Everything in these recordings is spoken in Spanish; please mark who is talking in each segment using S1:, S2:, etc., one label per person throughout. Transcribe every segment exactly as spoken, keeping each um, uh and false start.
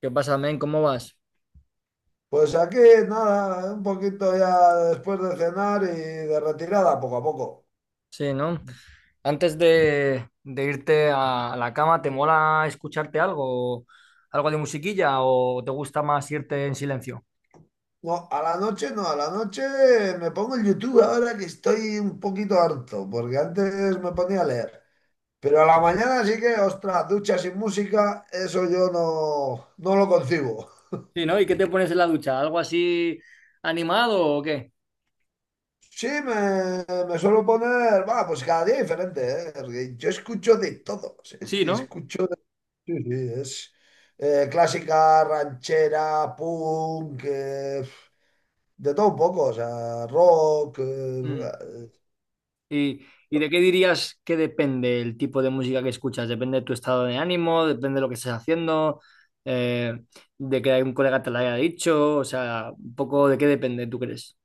S1: ¿Qué pasa, men? ¿Cómo vas?
S2: Pues aquí, nada, un poquito ya después de cenar y de retirada, poco a poco.
S1: Sí, ¿no? Antes de, de irte a, a la cama, ¿te mola escucharte algo? ¿Algo de musiquilla o te gusta más irte en silencio?
S2: No, a la noche no, a la noche me pongo el YouTube ahora que estoy un poquito harto, porque antes me ponía a leer. Pero a la mañana sí que, ostras, ducha sin música, eso yo no, no lo concibo.
S1: Sí, ¿no? ¿Y qué te pones en la ducha? ¿Algo así animado o qué?
S2: Sí, me, me suelo poner, va, pues cada día diferente, ¿eh? Porque yo escucho de todo, o sea, es
S1: Sí,
S2: que
S1: ¿no?
S2: escucho de. Sí, sí, es eh, clásica, ranchera, punk, eh, de todo un poco, o sea, rock,
S1: Mm.
S2: eh,
S1: ¿Y, ¿Y, de qué dirías que depende el tipo de música que escuchas? ¿Depende de tu estado de ánimo? ¿Depende de lo que estés haciendo? Eh, ¿De que algún colega te lo haya dicho? O sea, un poco de qué depende, ¿tú crees?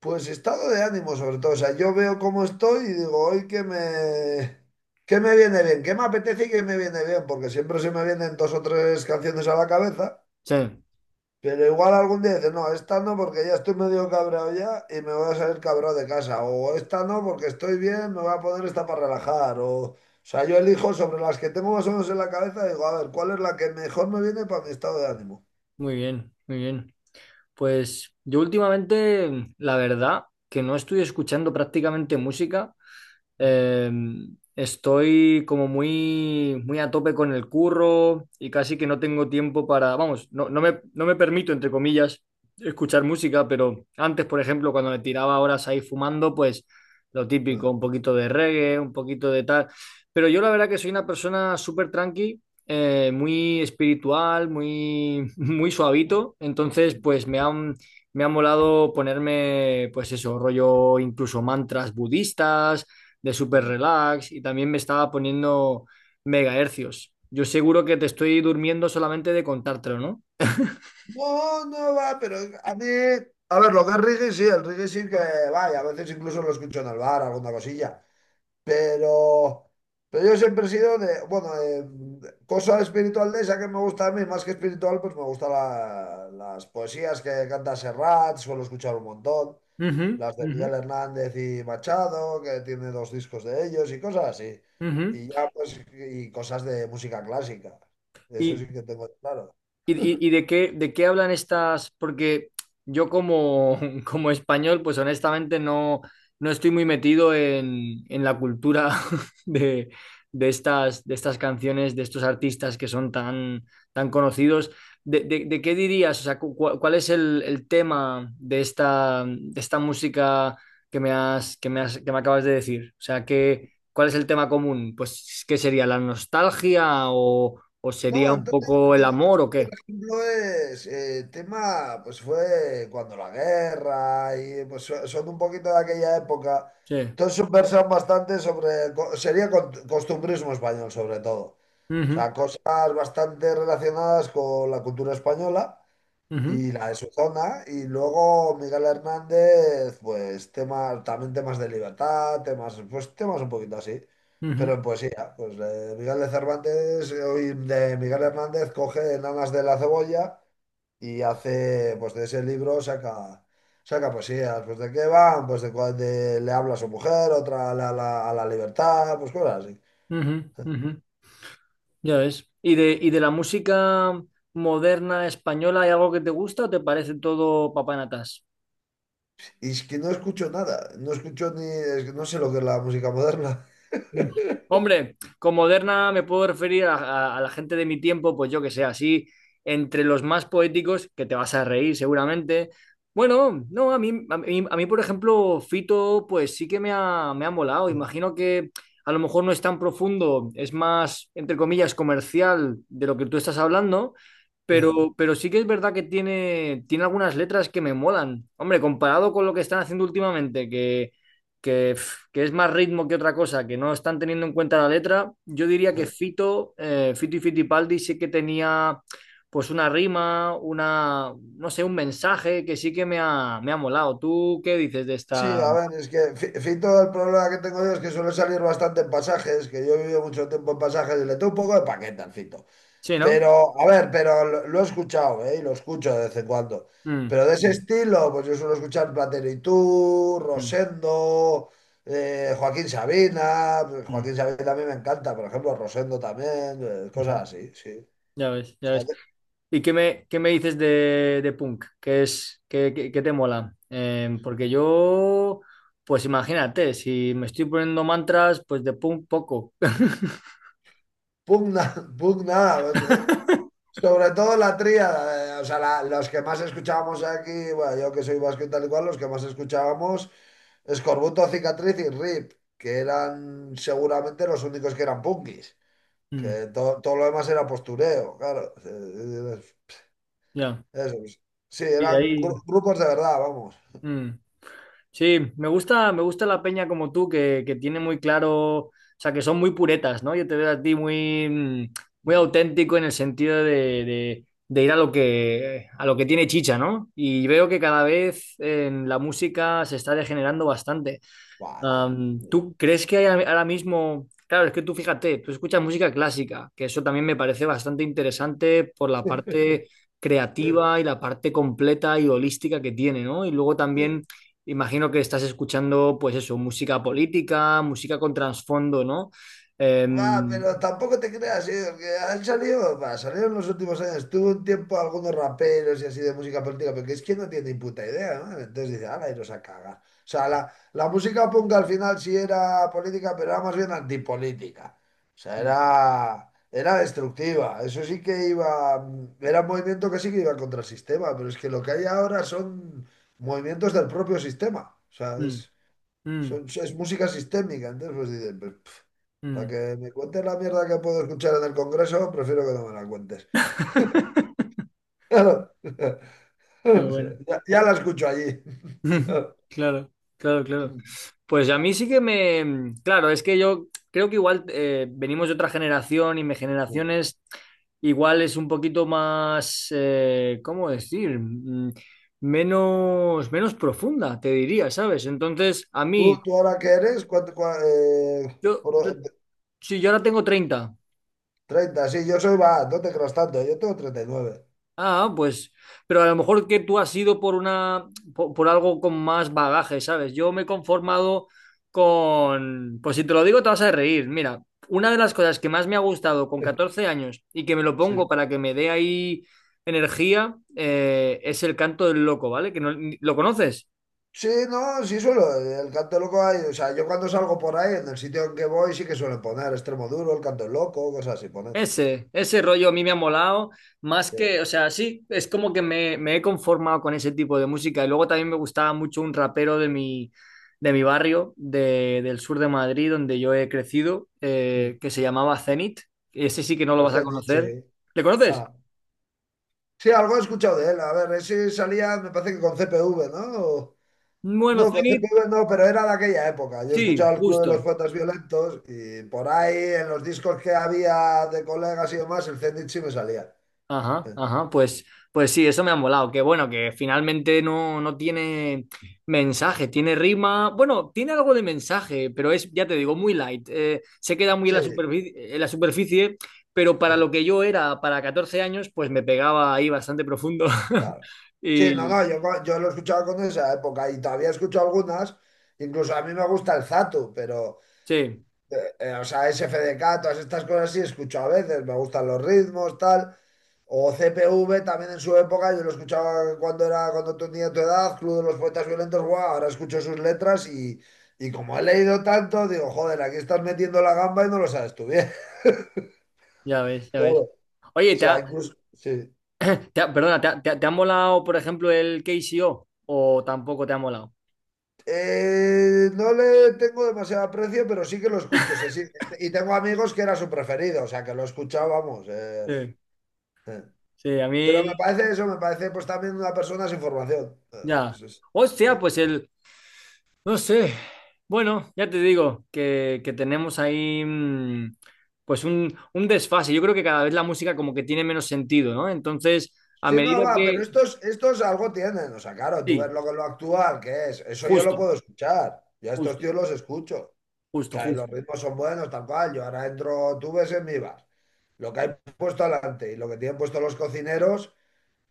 S2: pues estado de ánimo sobre todo. O sea, yo veo cómo estoy y digo, hoy que me, que me viene bien, qué me apetece y qué me viene bien, porque siempre se me vienen dos o tres canciones a la cabeza,
S1: Sí,
S2: pero igual algún día dices, no, esta no porque ya estoy medio cabreado ya y me voy a salir cabreado de casa, o esta no porque estoy bien, me voy a poner esta para relajar, o, o sea, yo elijo sobre las que tengo más o menos en la cabeza, digo, a ver, ¿cuál es la que mejor me viene para mi estado de ánimo?
S1: muy bien, muy bien. Pues yo últimamente, la verdad, que no estoy escuchando prácticamente música, eh, estoy como muy, muy a tope con el curro y casi que no tengo tiempo para, vamos, no, no me, no me permito, entre comillas, escuchar música, pero antes, por ejemplo, cuando me tiraba horas ahí fumando, pues lo
S2: Mm,
S1: típico, un poquito de reggae, un poquito de tal. Pero yo la verdad que soy una persona súper tranqui, eh, muy espiritual, muy, muy suavito, entonces
S2: mm,
S1: pues me han... Me ha molado ponerme, pues eso, rollo incluso mantras budistas, de super
S2: mm.
S1: relax y también me estaba poniendo megahercios. Yo seguro que te estoy durmiendo solamente de contártelo, ¿no?
S2: No, no va, pero a mí. A ver, lo que es reggae sí, el reggae sí que vaya, a veces incluso lo escucho en el bar, alguna cosilla. Pero, pero yo siempre he sido de, bueno, de cosa espiritual de esa que me gusta a mí, más que espiritual, pues me gustan la- las poesías que canta Serrat, suelo escuchar un montón,
S1: Ujú,
S2: las de
S1: ujú,
S2: Miguel Hernández y Machado, que tiene dos discos de ellos y cosas así.
S1: ujú.
S2: Y ya, pues, y cosas de música clásica. Eso
S1: Y,
S2: sí que tengo claro.
S1: ¿Y, y- y de qué, de qué hablan estas? Porque yo como, como español, pues honestamente no, no estoy muy metido en, en la cultura de, de estas, de estas canciones, de estos artistas que son tan, tan conocidos. ¿De, de- de qué dirías? O sea, cu- cu- ¿cuál es el, el tema de esta, de esta música que me has, que me has- que me acabas de decir? O sea, ¿qué, cuál es el tema común? Pues, ¿qué sería? ¿La nostalgia o, o sería
S2: No,
S1: un
S2: entonces,
S1: poco el amor
S2: entonces,
S1: o
S2: por
S1: qué?
S2: ejemplo, es eh, tema, pues fue cuando la guerra y pues so- son un poquito de aquella época.
S1: Sí.
S2: Entonces subversan bastante sobre, co- sería con- costumbrismo español sobre todo. O
S1: Ujú,
S2: sea, cosas bastante relacionadas con la cultura española.
S1: ujú,
S2: Y la de su zona, y luego Miguel Hernández, pues temas, también temas de libertad, temas, pues temas un poquito así,
S1: ujú,
S2: pero en poesía, pues de Miguel de Cervantes, eh, hoy de Miguel Hernández coge Enanas de la Cebolla y hace, pues de ese libro saca, saca poesías, pues de qué van, pues de cuál de- le habla a su mujer, otra a la, la- a la libertad, pues cosas así.
S1: ujú, ujú. Ya ves. ¿Y de, y de la música moderna española hay algo que te gusta o te parece todo papanatas?
S2: Y es que no escucho nada, no escucho ni, es que no sé lo que es la música moderna.
S1: Hombre, con moderna me puedo referir a, a- a la gente de mi tiempo, pues yo que sé, así entre los más poéticos, que te vas a reír seguramente. Bueno, no, a mí, a mí, a mí, por ejemplo, Fito, pues sí que me ha, me ha molado.
S2: Sí,
S1: Imagino que a lo mejor no es tan profundo, es más, entre comillas, comercial de lo que tú estás hablando,
S2: sí,
S1: pero, pero sí que es verdad que tiene, tiene algunas letras que me molan. Hombre, comparado con lo que están haciendo últimamente, que que, pf, que es más ritmo que otra cosa, que no están teniendo en cuenta la letra, yo diría que
S2: sí.
S1: Fito, eh, Fito y Fitipaldi sí que tenía pues una rima, una, no sé, un mensaje que sí que me ha, me ha molado. ¿Tú qué dices de
S2: Sí,
S1: esta?
S2: a ver, es que Fi- Fito, el problema que tengo yo es que suele salir bastante en pasajes, que yo he vivido mucho tiempo en pasajes y le tengo un poco de paquete al Fito.
S1: Sí, ¿no?
S2: Pero, a ver, pero lo, lo he escuchado, ¿eh? Y lo escucho de vez en cuando.
S1: Mm,
S2: Pero de ese
S1: mm,
S2: estilo, pues yo suelo escuchar Platero y tú,
S1: mm,
S2: Rosendo, eh, Joaquín Sabina. pues
S1: mm,
S2: Joaquín Sabina a mí me encanta, por ejemplo, Rosendo también, eh, cosas
S1: ujú.
S2: así, sí. O
S1: Ya ves, ya
S2: sea,
S1: ves.
S2: de-
S1: ¿Y qué me, qué me dices de, de Punk? ¿Qué es, qué, qué- qué te mola? Eh, porque yo, pues imagínate, si me estoy poniendo mantras, pues de Punk poco.
S2: pugna, pugna, pues, eh, sobre todo la tríada, eh, o sea, la- los que más escuchábamos aquí, bueno, yo que soy vasco y tal y cual, los que más escuchábamos, Escorbuto, Cicatriz y R I P, que eran seguramente los únicos que eran punkis,
S1: Mm,
S2: que to- todo lo demás era postureo, claro. Eh, eh,
S1: ya.
S2: eso, pues. Sí,
S1: Sí,
S2: eran
S1: ahí.
S2: gru- grupos de verdad, vamos.
S1: Mm. Sí, me gusta, me gusta la peña como tú, que, que tiene muy claro, o sea, que son muy puretas, ¿no? Yo te veo a ti muy, mm, muy auténtico en el sentido de, de- de ir a lo que, a lo que tiene chicha, ¿no? Y veo que cada vez en la música se está degenerando bastante.
S2: Buah,
S1: Am,
S2: eh,
S1: ¿tú crees que hay a- ahora mismo? Claro, es que tú fíjate, tú escuchas música clásica, que eso también me parece bastante interesante por la parte
S2: eh,
S1: creativa y la parte completa y holística que tiene, ¿no? Y luego
S2: eh.
S1: también imagino que estás escuchando, pues eso, música política, música con trasfondo, ¿no?
S2: Va,
S1: Em,
S2: pero tampoco te creas, ¿eh? Porque han salido, va, salieron en los últimos años. Tuvo un tiempo algunos raperos y así de música política, pero que es que no tiene ni puta idea, ¿no? Entonces dice, ala, iros a cagar. O sea, la, la música punk al final sí era política, pero era más bien antipolítica. O sea, era, era destructiva. Eso sí que iba, era un movimiento que sí que iba contra el sistema, pero es que lo que hay ahora son movimientos del propio sistema. O sea,
S1: mm,
S2: es,
S1: mm,
S2: son- es música sistémica. Entonces, pues dicen, pues. pf, para
S1: mm.
S2: que me cuentes la mierda que puedo escuchar en el Congreso, prefiero que no me la cuentes. Claro.
S1: Pero
S2: O sea,
S1: bueno.
S2: ya, ya la escucho allí.
S1: Claro, claro, claro. Pues a mí sí que me... mm. Claro, es que yo creo que igual eh, venimos de otra generación y mi generación es... Igual es un poquito más... eh, ¿cómo decir? Mm, menos, menos profunda, te diría, ¿sabes? Entonces, a
S2: ¿Tú,
S1: mí,
S2: tú ahora qué eres? ¿Cuánto, cua- eh,
S1: yo, yo,
S2: por-
S1: sí, yo ahora tengo treinta.
S2: treinta, sí, yo soy va, no te creas tanto, yo tengo treinta y nueve.
S1: Ah, pues, pero a lo mejor que tú has ido por una, por, por algo con más bagaje, ¿sabes? Yo me he conformado con, pues si te lo digo te vas a reír. Mira, una de las cosas que más me ha gustado con catorce años y que me lo
S2: Sí.
S1: pongo para que me dé ahí energía, eh, es el canto del loco, ¿vale? Que no, ¿lo conoces?
S2: Sí, no, sí suelo, el canto loco hay, o sea, yo cuando salgo por ahí, en el sitio en que voy, sí que suelen poner extremo duro, el canto loco, cosas así, ponen.
S1: Ese, ese rollo a mí me ha molado, más que,
S2: Sí.
S1: o sea, sí, es como que me, me he conformado con ese tipo de música. Y luego también me gustaba mucho un rapero de mi, de mi barrio, de, del sur de Madrid, donde yo he crecido,
S2: Mm.
S1: eh, que se llamaba Zenit. Ese sí que no lo
S2: El
S1: vas a
S2: Zenit, sí.
S1: conocer. ¿Le conoces?
S2: Ah. Sí, algo he escuchado de él. A ver, ese salía, me parece que con C P V, ¿no? O-
S1: Bueno,
S2: No, con
S1: Zenit,
S2: C P V no, pero era de aquella época. Yo he
S1: sí,
S2: escuchado el Club de los
S1: justo.
S2: Poetas Violentos y por ahí en los discos que había de colegas y demás, el Zenit sí me salía.
S1: Ajá, ajá, pues, pues sí, eso me ha molado. Que bueno, que finalmente no, no tiene mensaje, tiene rima. Bueno, tiene algo de mensaje, pero es, ya te digo, muy light. Eh, se queda muy en
S2: Sí,
S1: la superficie, en la superficie, pero para
S2: sí,
S1: lo que yo era para catorce años, pues me pegaba ahí bastante profundo.
S2: claro. Sí, no,
S1: Y
S2: no, yo, co- yo lo he escuchado con esa época y todavía escucho algunas. Incluso a mí me gusta el Zatu, pero,
S1: sí,
S2: eh, eh, o sea, S F D K, todas estas cosas sí escucho a veces. Me gustan los ritmos, tal. O C P V también en su época, yo lo escuchaba cuando era, cuando tenía tu edad, Club de los Poetas Violentos, guau, ahora escucho sus letras y, y como he leído tanto, digo, joder, aquí estás metiendo la gamba y no lo sabes tú bien.
S1: ya ves, ya ves.
S2: Claro. O
S1: Oye, ¿te
S2: sea,
S1: ha,
S2: incluso, sí.
S1: te ha- perdona, ¿te ha, te ha- te ha molado, por ejemplo, el K KCO? ¿O ¿O tampoco te ha molado?
S2: Eh, no le tengo demasiado aprecio, pero sí que lo escucho, sí, sí. Y tengo amigos que era su preferido, o sea, que lo escuchábamos. eh,
S1: Sí,
S2: eh.
S1: sí, a
S2: Pero me
S1: mí
S2: parece eso, me parece pues también una persona sin formación. Eh,
S1: ya.
S2: sí, sí.
S1: Hostia, pues el. No sé. Bueno, ya te digo que, que tenemos ahí mm, pues un, un desfase. Yo creo que cada vez la música como que tiene menos sentido, ¿no? Entonces, a
S2: Sí, no,
S1: medida
S2: va, pero
S1: que...
S2: estos, estos algo tienen. O sea, claro, tú ves
S1: Sí,
S2: lo que lo actual, que es. Eso yo lo
S1: justo,
S2: puedo escuchar. Yo a estos
S1: justo,
S2: tíos los escucho. O
S1: justo,
S2: sea, y los
S1: justo.
S2: ritmos son buenos, tal cual. Yo ahora entro, tú ves en mi bar. Lo que hay puesto adelante y lo que tienen puesto los cocineros,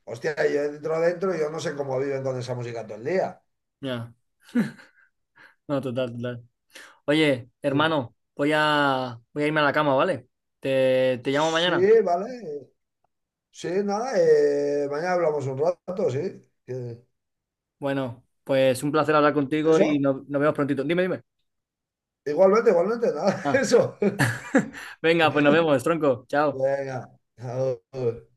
S2: hostia, yo entro dentro y yo no sé cómo viven con esa música todo el día.
S1: Ya, no, total, total. Oye, hermano, voy a, voy a irme a la cama, ¿vale? Te, te llamo
S2: Sí,
S1: mañana.
S2: vale. Sí, nada, eh, mañana hablamos un rato, sí. Eh,
S1: Bueno, pues un placer hablar contigo y
S2: eso,
S1: no- nos vemos prontito. Dime, dime.
S2: igualmente, igualmente, nada,
S1: Ah,
S2: eso.
S1: venga, pues nos vemos, tronco. Chao.
S2: Venga, adiós.